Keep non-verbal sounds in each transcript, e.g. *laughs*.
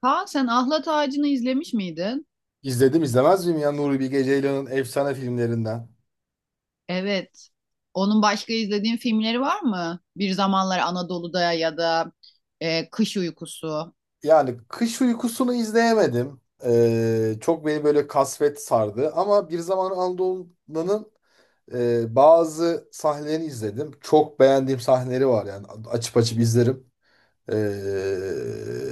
Kaan, sen Ahlat Ağacı'nı izlemiş miydin? İzledim izlemez miyim ya Nuri Bilge Ceylan'ın efsane filmlerinden. Evet. Onun başka izlediğin filmleri var mı? Bir Zamanlar Anadolu'da ya da Kış Uykusu, Yani Kış Uykusu'nu izleyemedim. Çok beni böyle kasvet sardı. Ama Bir Zaman Anadolu'nun bazı sahnelerini izledim. Çok beğendiğim sahneleri var yani. Açıp açıp izlerim. Ee,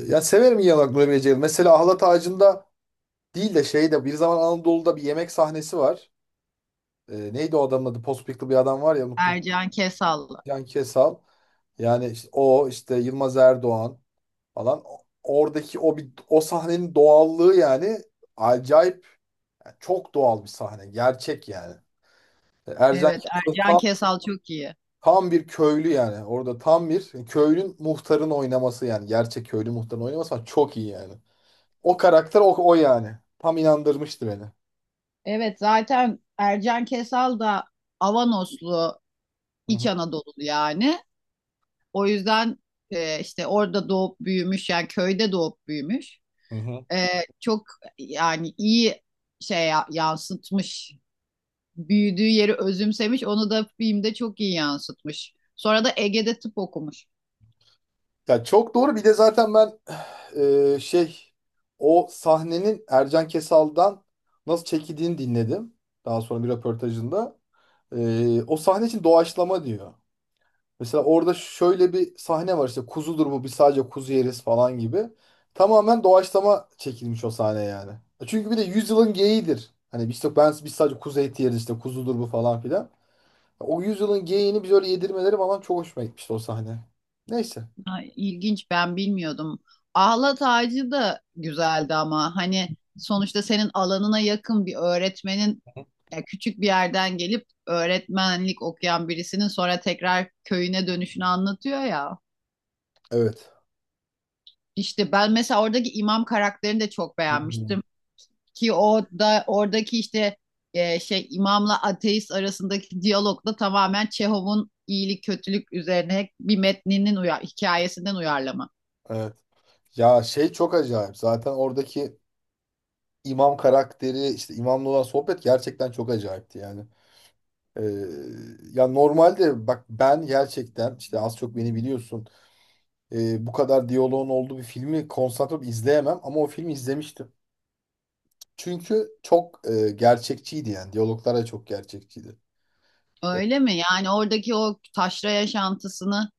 Ya severim iyi olarak Nuri Bilge Ceylan. Mesela Ahlat Ağacı'nda değil de şeyde Bir Zaman Anadolu'da bir yemek sahnesi var. Neydi o adamın adı? Pospiklı bir adam var ya, unuttum. Ercan Kesal. Can Kesal. Yani işte o, işte Yılmaz Erdoğan falan. Oradaki o bir o sahnenin doğallığı yani acayip, yani çok doğal bir sahne. Gerçek yani. Ercan Evet, Kesal Ercan tam Kesal çok iyi. tam bir köylü yani. Orada tam bir köylün muhtarın oynaması yani. Gerçek köylü muhtarın oynaması falan çok iyi yani. O karakter o yani. Tam inandırmıştı beni. Evet, zaten Ercan Kesal da Avanoslu, Hı İç hı. Anadolu yani. O yüzden, işte orada doğup büyümüş, yani köyde doğup büyümüş. Hı hı. E, çok yani iyi yansıtmış büyüdüğü yeri özümsemiş. Onu da filmde çok iyi yansıtmış. Sonra da Ege'de tıp okumuş. Ya çok doğru. Bir de zaten ben *sighs* şey, o sahnenin Ercan Kesal'dan nasıl çekildiğini dinledim. Daha sonra bir röportajında. O sahne için doğaçlama diyor. Mesela orada şöyle bir sahne var, işte kuzudur bu, biz sadece kuzu yeriz falan gibi. Tamamen doğaçlama çekilmiş o sahne yani. Çünkü bir de yüzyılın geyiğidir. Hani biz işte, ben biz sadece kuzu eti yeriz, işte kuzudur bu falan filan. O yüzyılın geyiğini biz öyle yedirmeleri falan çok hoşuma gitmişti o sahne. Neyse. Ha, ilginç, ben bilmiyordum. Ahlat Ağacı da güzeldi ama hani sonuçta senin alanına yakın bir öğretmenin, ya küçük bir yerden gelip öğretmenlik okuyan birisinin sonra tekrar köyüne dönüşünü anlatıyor ya. Evet. İşte ben mesela oradaki imam karakterini de çok beğenmiştim. Ki o da oradaki işte, şey imamla ateist arasındaki diyalog da tamamen Çehov'un iyilik kötülük üzerine bir metninin hikayesinden uyarlama. Evet. Ya şey, çok acayip. Zaten oradaki imam karakteri, işte imamla olan sohbet gerçekten çok acayipti yani. Ee, Ya normalde bak ben gerçekten, işte az çok beni biliyorsun. Bu kadar diyaloğun olduğu bir filmi konsantre olup izleyemem, ama o filmi izlemiştim. Çünkü çok gerçekçiydi yani. Diyaloglar da çok gerçekçiydi. Evet. Öyle mi? Yani oradaki o taşra yaşantısını,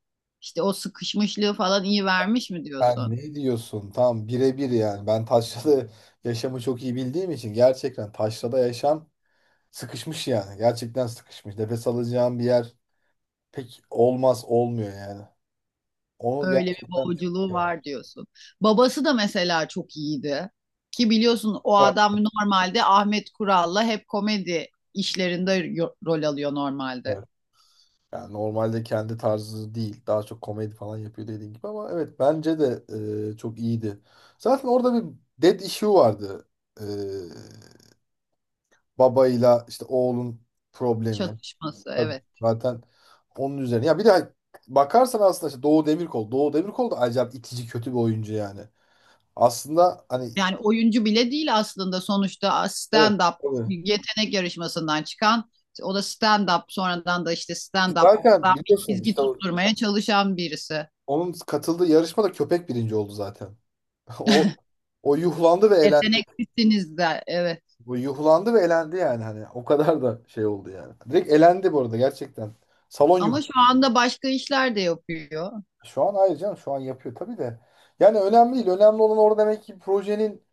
işte o sıkışmışlığı falan iyi vermiş mi Sen diyorsun? ne diyorsun? Tam birebir yani. Ben taşrada *laughs* yaşamı çok iyi bildiğim için, gerçekten taşrada yaşam sıkışmış yani. Gerçekten sıkışmış. Nefes alacağım bir yer pek olmaz, olmuyor yani. Onu Öyle bir gerçekten boğuculuğu yani. var diyorsun. Babası da mesela çok iyiydi. Ki biliyorsun o Var. adam normalde Ahmet Kural'la hep komedi işlerinde rol alıyor normalde. Evet. yani normalde kendi tarzı değil. Daha çok komedi falan yapıyor dediğin gibi, ama evet bence de çok iyiydi. Zaten orada bir dead issue vardı. E, Babayla işte oğlun problemi. Çatışması, Tabii. evet. Zaten onun üzerine. Ya bir de bakarsan aslında işte Doğu Demirkol. Doğu Demirkol da acayip itici, kötü bir oyuncu yani. Aslında hani, Yani oyuncu bile değil aslında, sonuçta evet, stand-up tabii. yetenek yarışmasından çıkan, o da stand-up, sonradan da işte Zaten stand-up'tan bir biliyorsun çizgi işte tutturmaya çalışan birisi. onun katıldığı yarışmada köpek birinci oldu zaten. *laughs* O o yuhlandı ve elendi. Yeteneklisiniz de, evet. Bu yuhlandı ve elendi yani, hani o kadar da şey oldu yani. Direkt elendi bu arada, gerçekten. Salon yuh. Ama şu anda başka işler de yapıyor. Şu an hayır canım, şu an yapıyor tabii de. Yani önemli değil. Önemli olan orada demek ki projenin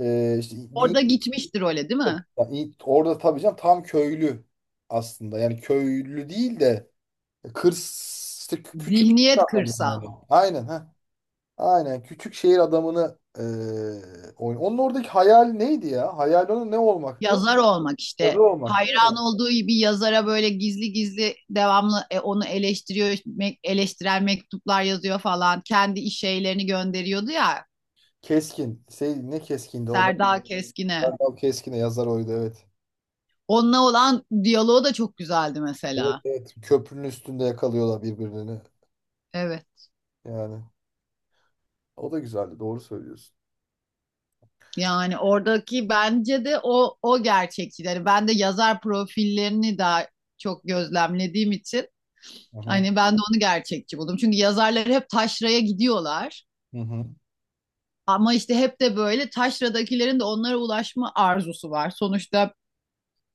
işte bir, Orada gitmiştir, öyle değil mi? yani orada tabii canım tam köylü aslında. Yani köylü değil de kır işte, küçük Zihniyet adam yani. kırsal. Aynen ha. Aynen küçük şehir adamını oyun. Onun oradaki hayal neydi ya? Hayal onun ne olmaktı? Yazar olmak Yazar işte. olmak değil mi? Hayran olduğu bir yazara böyle gizli gizli devamlı, onu eleştiriyor, eleştirel mektuplar yazıyor falan. Kendi iş şeylerini gönderiyordu ya. Keskin. Şey, ne keskindi o da? Serdar Keskin'e. Erdal Keskin'e, yazar oydu, evet. Onunla olan diyaloğu da çok güzeldi Evet, mesela. evet. Köprünün üstünde yakalıyorlar birbirlerini. Evet. Yani o da güzeldi, doğru söylüyorsun. Yani oradaki bence de o gerçekçileri. Ben de yazar profillerini daha çok gözlemlediğim için Aha. hani ben de onu gerçekçi buldum. Çünkü yazarlar hep taşraya gidiyorlar. Hı hı. Ama işte hep de böyle taşradakilerin de onlara ulaşma arzusu var. Sonuçta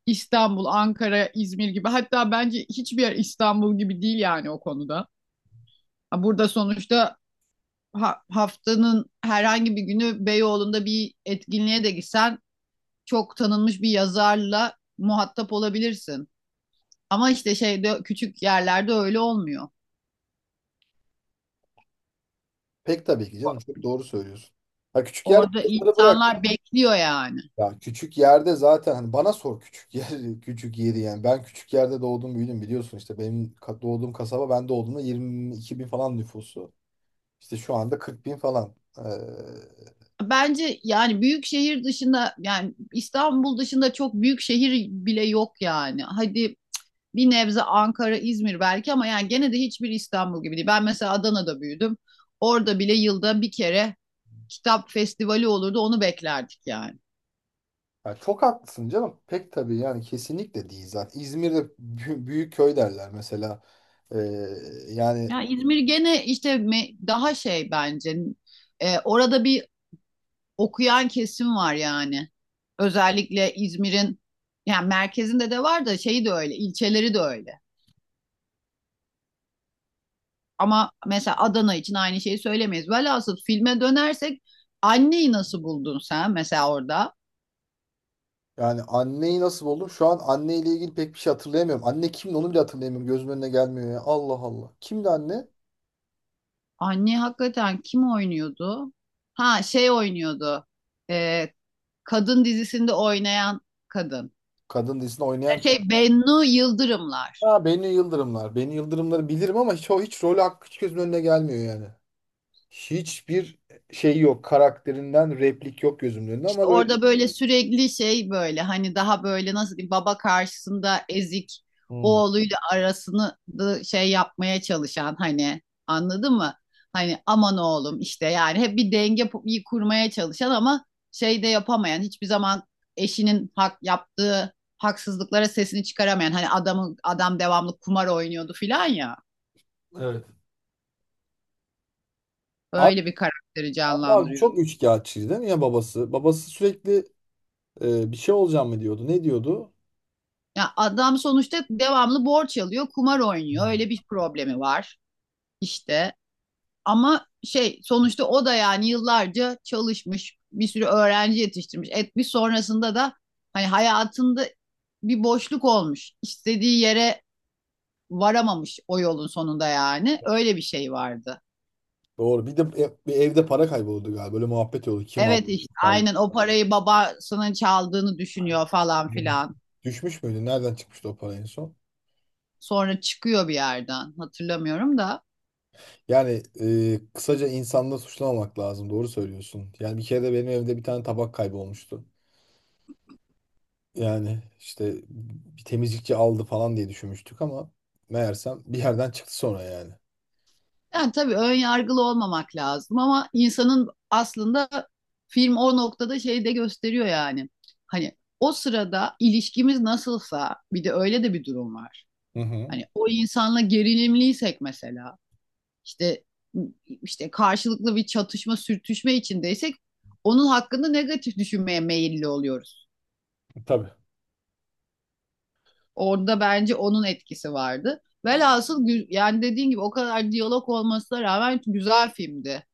İstanbul, Ankara, İzmir gibi, hatta bence hiçbir yer İstanbul gibi değil yani o konuda. Burada sonuçta haftanın herhangi bir günü Beyoğlu'nda bir etkinliğe de gitsen çok tanınmış bir yazarla muhatap olabilirsin. Ama işte şeyde, küçük yerlerde öyle olmuyor. Pek tabii ki canım, çok doğru söylüyorsun. Ha, küçük yerde Orada yazarı bırak. insanlar bekliyor yani. Ya küçük yerde zaten, hani bana sor küçük yer *laughs* küçük yeri yani, ben küçük yerde doğdum büyüdüm, biliyorsun işte benim doğduğum kasaba, ben doğduğumda 22 bin falan nüfusu, işte şu anda 40 bin falan, Bence yani büyük şehir dışında, yani İstanbul dışında çok büyük şehir bile yok yani. Hadi bir nebze Ankara, İzmir belki ama yani gene de hiçbir İstanbul gibi değil. Ben mesela Adana'da büyüdüm. Orada bile yılda bir kere kitap festivali olurdu. Onu beklerdik yani. yani çok haklısın canım, pek tabii yani, kesinlikle değil. Zaten İzmir'de büyük köy derler mesela. Ee, Yani, Ya İzmir gene işte, daha şey bence, orada bir okuyan kesim var yani. Özellikle İzmir'in yani merkezinde de var da, şeyi de öyle, ilçeleri de öyle. Ama mesela Adana için aynı şeyi söylemeyiz. Velhasıl filme dönersek, anneyi nasıl buldun sen mesela orada? yani anneyi nasıl buldum, şu an anneyle ilgili pek bir şey hatırlayamıyorum, anne kimdi onu bile hatırlayamıyorum, gözümün önüne gelmiyor ya, Allah Allah, kimdi anne? Anne hakikaten kim oynuyordu? Ha, şey oynuyordu. E, kadın dizisinde oynayan kadın. Kadın dizisinde oynayan. Şey, Bennu Yıldırımlar. Ha, Beni Yıldırımlar. Beni Yıldırımları bilirim ama hiç, o hiç rolü hakkı hiç gözümün önüne gelmiyor yani. Hiçbir şey yok. Karakterinden replik yok gözümün önünde ama böyle. Orada böyle sürekli şey, böyle hani daha böyle, nasıl diyeyim, baba karşısında ezik Hmm. oğluyla arasını da şey yapmaya çalışan, hani anladın mı? Hani aman oğlum işte, yani hep bir denge kurmaya çalışan ama şey de yapamayan, hiçbir zaman eşinin hak yaptığı haksızlıklara sesini çıkaramayan, hani adamı adam devamlı kumar oynuyordu filan ya, Evet. Abi, öyle bir karakteri abi canlandırıyordu. çok üçkağıtçıydı değil mi ya babası? Babası sürekli bir şey olacağım mı diyordu. Ne diyordu? Ya adam sonuçta devamlı borç alıyor, kumar oynuyor. Hmm. Öyle bir problemi var. İşte ama şey, sonuçta o da yani yıllarca çalışmış, bir sürü öğrenci yetiştirmiş. Etmiş, sonrasında da hani hayatında bir boşluk olmuş. İstediği yere varamamış o yolun sonunda yani. Öyle bir şey vardı. Doğru. Bir de bir evde para kayboldu galiba. Böyle muhabbet oldu. Kim aldı? Evet, işte Kim aldı? aynen o parayı babasının çaldığını düşünüyor falan Evet. filan. Düşmüş müydü? Nereden çıkmıştı o para en son? Sonra çıkıyor bir yerden. Hatırlamıyorum da. Yani kısaca insanla suçlamamak lazım. Doğru söylüyorsun. Yani bir kere de benim evde bir tane tabak kaybolmuştu. Yani işte bir temizlikçi aldı falan diye düşünmüştük, ama meğersem bir yerden çıktı sonra yani. Yani tabii ön yargılı olmamak lazım ama insanın aslında, film o noktada şey de gösteriyor yani. Hani o sırada ilişkimiz nasılsa bir de öyle de bir durum var. Hı hı. Hani o insanla gerilimliysek mesela, işte işte karşılıklı bir çatışma sürtüşme içindeysek onun hakkında negatif düşünmeye meyilli oluyoruz. Tabii. Orada bence onun etkisi vardı. Velhasıl yani dediğin gibi o kadar diyalog olmasına rağmen güzel filmdi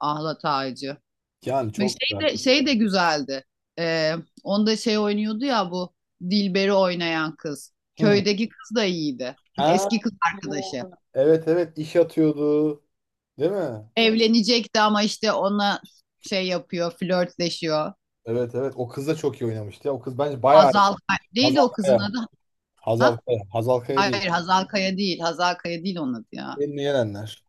Ahlat Ağacı. Yani Ve çok şey güzel. de, şey de güzeldi. Ee, onda şey oynuyordu ya, bu Dilber'i oynayan kız. Hı. Köydeki kız da iyiydi. Ha. Eski kız arkadaşı. Evet, evet, iş atıyordu. Değil mi? Evlenecekti ama işte ona şey yapıyor, flörtleşiyor. Evet, evet, o kız da çok iyi oynamıştı ya. O kız bence bayağı iyi. Hazal Kaya. Neydi Hazal o kızın Kaya. adı? Hazal Ha? Kaya. Hazal Kaya değil. Hayır, Hazal Kaya değil. Hazal Kaya değil onun adı ya. Elini yenenler.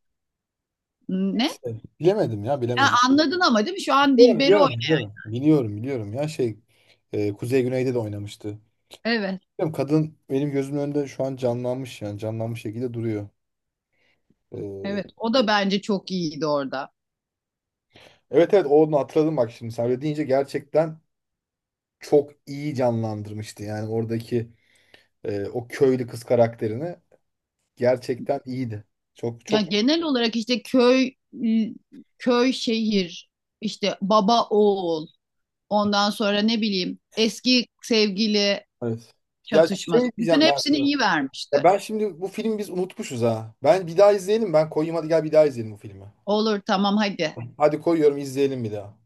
Ne? İşte bilemedim ya, Ha, bilemedim. anladın ama değil mi? Şu an Biliyorum, Dilber'i biliyorum, oynuyor. biliyorum. Biliyorum, biliyorum ya şey, Kuzey Güney'de de oynamıştı. Evet. Bilmiyorum, kadın benim gözümün önünde şu an canlanmış, yani canlanmış şekilde duruyor. Ee, Evet. O da bence çok iyiydi orada. evet, evet, onu hatırladım bak, şimdi sen öyle deyince gerçekten çok iyi canlandırmıştı. Yani oradaki o köylü kız karakterini, gerçekten iyiydi. Çok Ya çok, genel olarak işte köy, köy şehir, işte baba oğul, ondan sonra ne bileyim eski sevgili evet. Ya şey çatışması, bütün diyeceğim ben hepsini sana. iyi Ya, vermişti. ben şimdi bu filmi biz unutmuşuz ha. Ben bir daha izleyelim, ben koyayım, hadi gel bir daha izleyelim bu filmi. Olur, tamam, hadi Hadi koyuyorum, izleyelim bir daha.